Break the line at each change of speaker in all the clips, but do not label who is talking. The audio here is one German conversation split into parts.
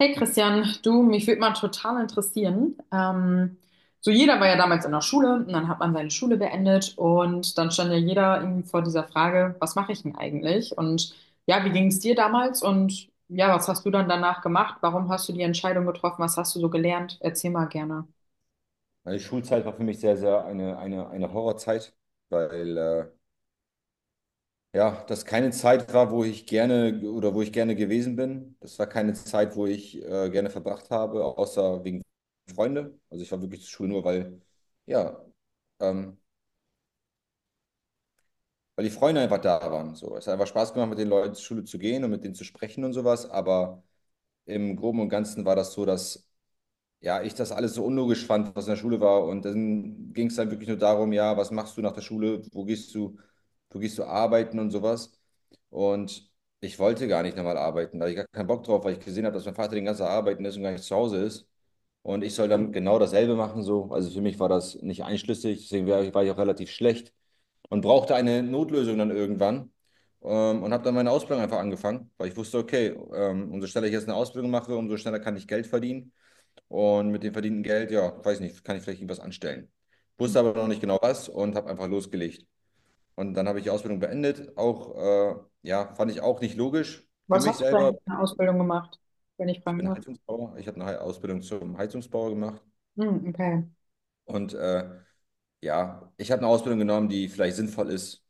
Hey Christian, du, mich würde mal total interessieren. So jeder war ja damals in der Schule und dann hat man seine Schule beendet und dann stand ja jeder irgendwie vor dieser Frage, was mache ich denn eigentlich? Und ja, wie ging es dir damals? Und ja, was hast du dann danach gemacht? Warum hast du die Entscheidung getroffen? Was hast du so gelernt? Erzähl mal gerne.
Meine Schulzeit war für mich sehr, sehr eine Horrorzeit, weil ja, das keine Zeit war, wo ich gerne oder wo ich gerne gewesen bin. Das war keine Zeit, wo ich gerne verbracht habe, außer wegen Freunde. Also ich war wirklich zur Schule nur, weil, ja, ähm, weil die Freunde einfach da waren. So. Es hat einfach Spaß gemacht, mit den Leuten zur Schule zu gehen und mit denen zu sprechen und sowas. Aber im Groben und Ganzen war das so, dass ja, ich das alles so unlogisch fand, was in der Schule war. Und dann ging es dann wirklich nur darum, ja, was machst du nach der Schule? Wo gehst du arbeiten und sowas? Und ich wollte gar nicht nochmal arbeiten, da hatte ich gar keinen Bock drauf, weil ich gesehen habe, dass mein Vater den ganzen Tag arbeiten ist und gar nicht zu Hause ist. Und ich soll dann genau dasselbe machen, so. Also für mich war das nicht einschlüssig, deswegen war ich auch relativ schlecht und brauchte eine Notlösung dann irgendwann. Und habe dann meine Ausbildung einfach angefangen, weil ich wusste, okay, umso schneller ich jetzt eine Ausbildung mache, umso schneller kann ich Geld verdienen. Und mit dem verdienten Geld, ja, weiß nicht, kann ich vielleicht irgendwas anstellen. Wusste aber noch nicht genau was und habe einfach losgelegt. Und dann habe ich die Ausbildung beendet. Auch, ja, fand ich auch nicht logisch für
Was
mich
hast du denn
selber.
in der Ausbildung gemacht, wenn ich
Ich
fragen
bin
darf?
Heizungsbauer. Ich habe eine Ausbildung zum Heizungsbauer gemacht.
Hm, okay.
Und ja, ich habe eine Ausbildung genommen, die vielleicht sinnvoll ist.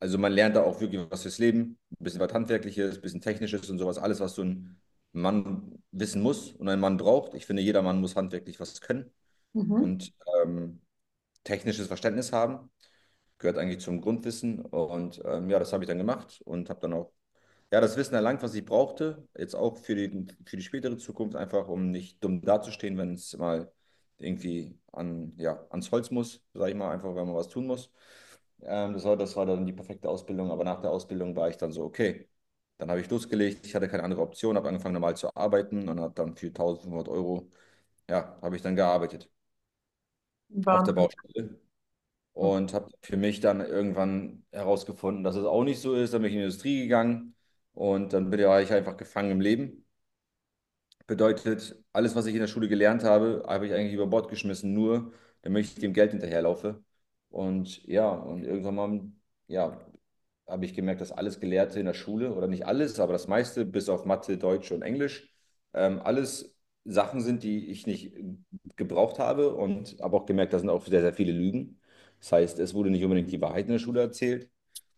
Also man lernt da auch wirklich was fürs Leben. Ein bisschen was Handwerkliches, ein bisschen Technisches und sowas. Alles, was so ein Mann wissen muss und ein Mann braucht. Ich finde, jeder Mann muss handwerklich was können.
Mhm.
Und ähm, technisches Verständnis haben. Gehört eigentlich zum Grundwissen. Und ja, das habe ich dann gemacht und habe dann auch ja, das Wissen erlangt, was ich brauchte. Jetzt auch für für die spätere Zukunft, einfach um nicht dumm dazustehen, wenn es mal irgendwie an, ja, ans Holz muss, sage ich mal, einfach, wenn man was tun muss. Das war dann die perfekte Ausbildung. Aber nach der Ausbildung war ich dann so, okay. Dann habe ich losgelegt, ich hatte keine andere Option, habe angefangen normal zu arbeiten und habe dann für 1.500 Euro, ja, habe ich dann gearbeitet auf
War,
der Baustelle.
mhm.
Und habe für mich dann irgendwann herausgefunden, dass es auch nicht so ist. Dann bin ich in die Industrie gegangen und dann bin ich einfach gefangen im Leben. Bedeutet, alles, was ich in der Schule gelernt habe, habe ich eigentlich über Bord geschmissen, nur damit ich dem Geld hinterherlaufe. Und ja, und irgendwann mal, ja, habe ich gemerkt, dass alles Gelehrte in der Schule, oder nicht alles, aber das meiste, bis auf Mathe, Deutsch und Englisch, alles Sachen sind, die ich nicht gebraucht habe und habe auch gemerkt, da sind auch sehr, sehr viele Lügen. Das heißt, es wurde nicht unbedingt die Wahrheit in der Schule erzählt.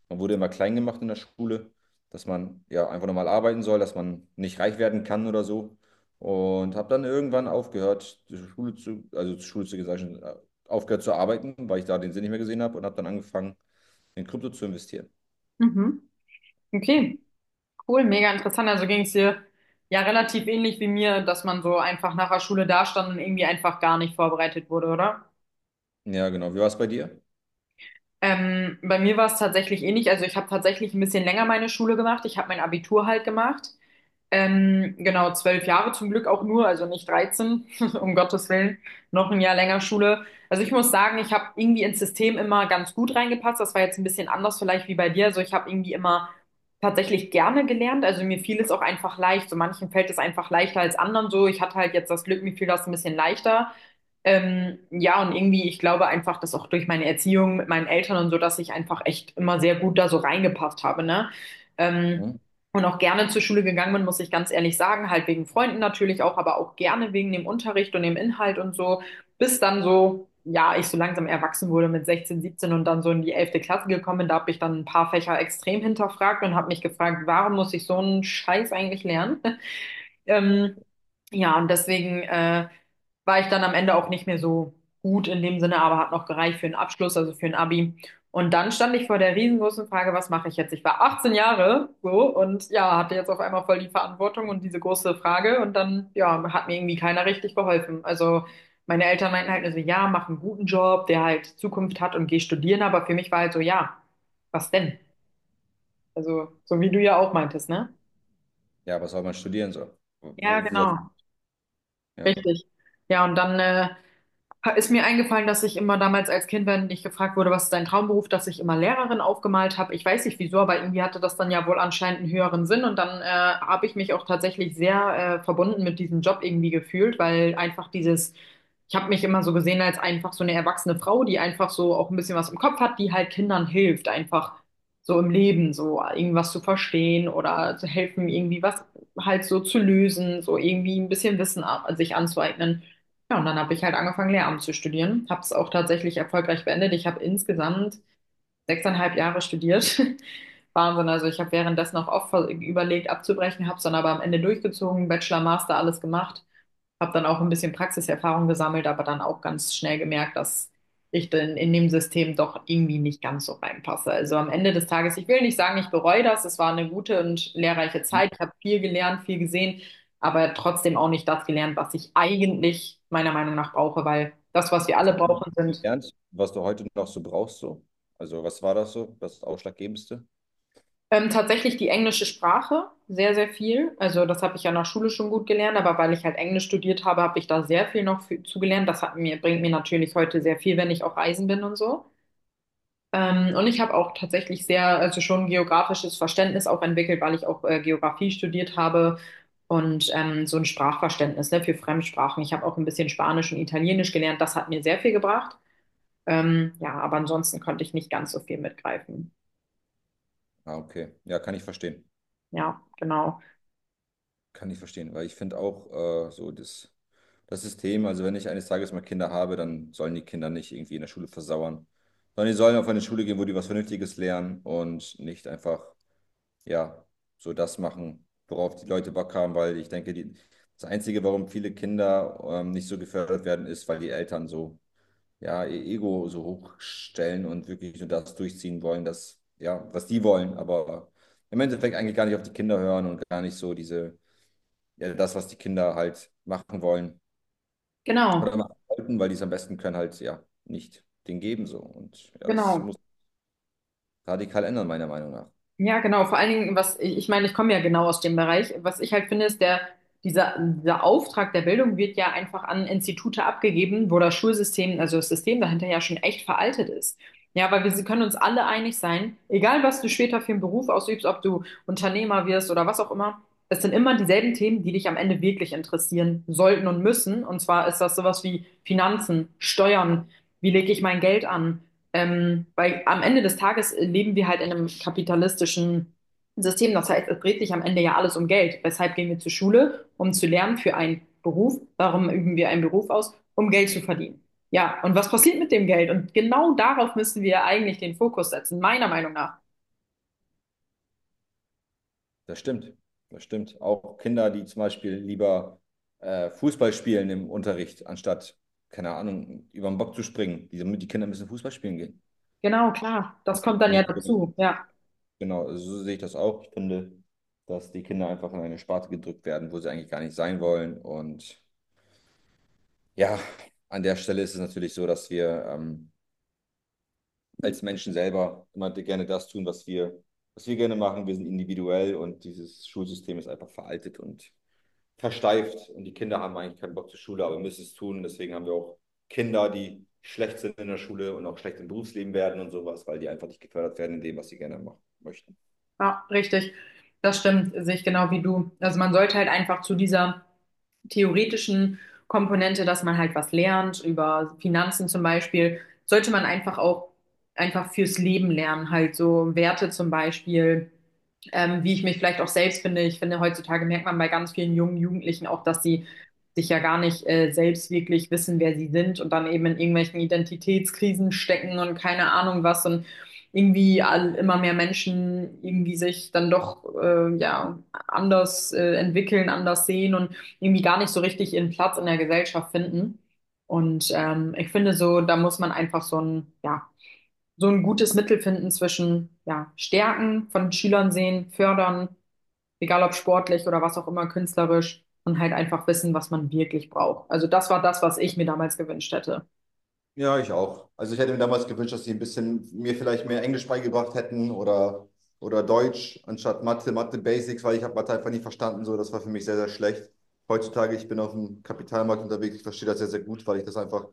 Man wurde immer klein gemacht in der Schule, dass man ja einfach normal arbeiten soll, dass man nicht reich werden kann oder so. Und habe dann irgendwann aufgehört, also zur Schule zu gesagt, aufgehört zu arbeiten, weil ich da den Sinn nicht mehr gesehen habe und habe dann angefangen, in Krypto zu investieren.
Mhm. Okay. Cool, mega interessant. Also ging es dir ja relativ ähnlich wie mir, dass man so einfach nach der Schule dastand und irgendwie einfach gar nicht vorbereitet wurde, oder?
Ja, genau. Wie war es bei dir?
Bei mir war es tatsächlich ähnlich. Also ich habe tatsächlich ein bisschen länger meine Schule gemacht. Ich habe mein Abitur halt gemacht. Genau, zwölf Jahre zum Glück auch nur, also nicht 13 um Gottes Willen, noch ein Jahr länger Schule. Also ich muss sagen, ich habe irgendwie ins System immer ganz gut reingepasst. Das war jetzt ein bisschen anders vielleicht wie bei dir. Also ich habe irgendwie immer tatsächlich gerne gelernt. Also mir fiel es auch einfach leicht. So manchen fällt es einfach leichter als anderen so. Ich hatte halt jetzt das Glück, mir fiel das ein bisschen leichter. Ja, und irgendwie, ich glaube einfach, dass auch durch meine Erziehung mit meinen Eltern und so, dass ich einfach echt immer sehr gut da so reingepasst habe, ne? Ähm,
Hm?
und auch gerne zur Schule gegangen bin, muss ich ganz ehrlich sagen, halt wegen Freunden natürlich auch, aber auch gerne wegen dem Unterricht und dem Inhalt und so, bis dann so, ja, ich so langsam erwachsen wurde mit 16 17 und dann so in die elfte Klasse gekommen bin, da habe ich dann ein paar Fächer extrem hinterfragt und habe mich gefragt, warum muss ich so einen Scheiß eigentlich lernen? Ähm, ja, und deswegen war ich dann am Ende auch nicht mehr so gut in dem Sinne, aber hat noch gereicht für einen Abschluss, also für ein Abi. Und dann stand ich vor der riesengroßen Frage, was mache ich jetzt? Ich war 18 Jahre so und ja, hatte jetzt auf einmal voll die Verantwortung und diese große Frage und dann ja, hat mir irgendwie keiner richtig geholfen. Also meine Eltern meinten halt nur so, ja, mach einen guten Job, der halt Zukunft hat und geh studieren, aber für mich war halt so, ja, was denn? Also so wie du ja auch meintest, ne?
Ja, was soll man studieren so?
Ja,
Wo, wo soll,
genau.
ja.
Richtig. Ja, und dann ist mir eingefallen, dass ich immer damals als Kind, wenn ich gefragt wurde, was ist dein Traumberuf, dass ich immer Lehrerin aufgemalt habe. Ich weiß nicht wieso, aber irgendwie hatte das dann ja wohl anscheinend einen höheren Sinn und dann habe ich mich auch tatsächlich sehr verbunden mit diesem Job irgendwie gefühlt, weil einfach dieses, ich habe mich immer so gesehen als einfach so eine erwachsene Frau, die einfach so auch ein bisschen was im Kopf hat, die halt Kindern hilft, einfach so im Leben so irgendwas zu verstehen oder zu helfen, irgendwie was halt so zu lösen, so irgendwie ein bisschen Wissen sich anzueignen. Ja, und dann habe ich halt angefangen, Lehramt zu studieren, habe es auch tatsächlich erfolgreich beendet. Ich habe insgesamt sechseinhalb Jahre studiert. Wahnsinn. Also ich habe währenddessen auch oft überlegt, abzubrechen, habe es dann aber am Ende durchgezogen, Bachelor, Master, alles gemacht. Habe dann auch ein bisschen Praxiserfahrung gesammelt, aber dann auch ganz schnell gemerkt, dass ich dann in dem System doch irgendwie nicht ganz so reinpasse. Also am Ende des Tages, ich will nicht sagen, ich bereue das. Es war eine gute und lehrreiche
Hm?
Zeit. Ich habe viel gelernt, viel gesehen, aber trotzdem auch nicht das gelernt, was ich eigentlich meiner Meinung nach brauche, weil das, was wir
Was
alle
hast du
brauchen, sind
gelernt, was du heute noch so brauchst so? Also, was war das so? Das Ausschlaggebendste?
Tatsächlich die englische Sprache, sehr, sehr viel. Also das habe ich ja nach Schule schon gut gelernt, aber weil ich halt Englisch studiert habe, habe ich da sehr viel noch für, zugelernt. Das hat mir, bringt mir natürlich heute sehr viel, wenn ich auch reisen bin und so. Und ich habe auch tatsächlich sehr, also schon geografisches Verständnis auch entwickelt, weil ich auch Geografie studiert habe und so ein Sprachverständnis, ne, für Fremdsprachen. Ich habe auch ein bisschen Spanisch und Italienisch gelernt. Das hat mir sehr viel gebracht. Ja, aber ansonsten konnte ich nicht ganz so viel mitgreifen.
Ah, okay. Ja, kann ich verstehen.
Ja, genau.
Kann ich verstehen, weil ich finde auch so das System, also wenn ich eines Tages mal Kinder habe, dann sollen die Kinder nicht irgendwie in der Schule versauern, sondern die sollen auf eine Schule gehen, wo die was Vernünftiges lernen und nicht einfach ja, so das machen, worauf die Leute Bock haben, weil ich denke, die, das Einzige, warum viele Kinder nicht so gefördert werden, ist, weil die Eltern so, ja, ihr Ego so hochstellen und wirklich nur das durchziehen wollen, das, ja, was die wollen, aber im Endeffekt eigentlich gar nicht auf die Kinder hören und gar nicht so diese, ja, das, was die Kinder halt machen wollen
Genau,
oder machen sollten, weil die es am besten können, halt, ja, nicht den geben so. Und ja, das
genau.
muss radikal ändern, meiner Meinung nach.
Ja, genau. Vor allen Dingen, was ich, ich meine, ich komme ja genau aus dem Bereich. Was ich halt finde, ist der, dieser Auftrag der Bildung wird ja einfach an Institute abgegeben, wo das Schulsystem, also das System dahinter ja schon echt veraltet ist. Ja, weil wir können uns alle einig sein, egal was du später für einen Beruf ausübst, ob du Unternehmer wirst oder was auch immer, es sind immer dieselben Themen, die dich am Ende wirklich interessieren sollten und müssen. Und zwar ist das sowas wie Finanzen, Steuern, wie lege ich mein Geld an? Weil am Ende des Tages leben wir halt in einem kapitalistischen System. Das heißt, es dreht sich am Ende ja alles um Geld. Weshalb gehen wir zur Schule? Um zu lernen für einen Beruf. Warum üben wir einen Beruf aus? Um Geld zu verdienen. Ja, und was passiert mit dem Geld? Und genau darauf müssen wir eigentlich den Fokus setzen, meiner Meinung nach.
Das stimmt, das stimmt. Auch Kinder, die zum Beispiel lieber Fußball spielen im Unterricht, anstatt, keine Ahnung, über den Bock zu springen. Die Kinder müssen Fußball spielen gehen.
Genau, klar. Das kommt dann
Und
ja
ich,
dazu. Ja,
genau, so sehe ich das auch. Ich finde, dass die Kinder einfach in eine Sparte gedrückt werden, wo sie eigentlich gar nicht sein wollen. Und ja, an der Stelle ist es natürlich so, dass wir als Menschen selber immer gerne das tun, was wir gerne machen. Wir sind individuell und dieses Schulsystem ist einfach veraltet und versteift und die Kinder haben eigentlich keinen Bock zur Schule, aber müssen es tun. Deswegen haben wir auch Kinder, die schlecht sind in der Schule und auch schlecht im Berufsleben werden und sowas, weil die einfach nicht gefördert werden in dem, was sie gerne machen möchten.
ja, richtig. Das stimmt, sehe ich genau wie du. Also man sollte halt einfach zu dieser theoretischen Komponente, dass man halt was lernt, über Finanzen zum Beispiel, sollte man einfach auch einfach fürs Leben lernen, halt so Werte zum Beispiel wie ich mich vielleicht auch selbst finde. Ich finde, heutzutage merkt man bei ganz vielen jungen Jugendlichen auch, dass sie sich ja gar nicht selbst wirklich wissen, wer sie sind und dann eben in irgendwelchen Identitätskrisen stecken und keine Ahnung was und irgendwie all, immer mehr Menschen irgendwie sich dann doch anders entwickeln, anders sehen und irgendwie gar nicht so richtig ihren Platz in der Gesellschaft finden. Und ich finde so, da muss man einfach so ein, ja, so ein gutes Mittel finden zwischen ja, Stärken von Schülern sehen, fördern, egal ob sportlich oder was auch immer, künstlerisch und halt einfach wissen, was man wirklich braucht. Also das war das, was ich mir damals gewünscht hätte.
Ja, ich auch. Also ich hätte mir damals gewünscht, dass sie ein bisschen mir vielleicht mehr Englisch beigebracht hätten oder Deutsch anstatt Mathe, Mathe Basics, weil ich habe Mathe einfach nicht verstanden. So, das war für mich sehr, sehr schlecht. Heutzutage, ich bin auf dem Kapitalmarkt unterwegs, ich verstehe das sehr, sehr gut, weil ich das einfach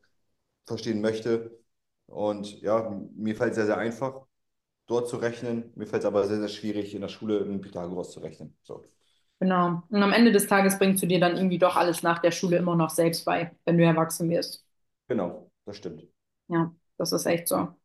verstehen möchte. Und ja, mir fällt es sehr, sehr einfach dort zu rechnen. Mir fällt es aber sehr, sehr schwierig, in der Schule einen Pythagoras zu rechnen. So,
Genau. Und am Ende des Tages bringst du dir dann irgendwie doch alles nach der Schule immer noch selbst bei, wenn du erwachsen wirst.
genau, das stimmt.
Ja, das ist echt so.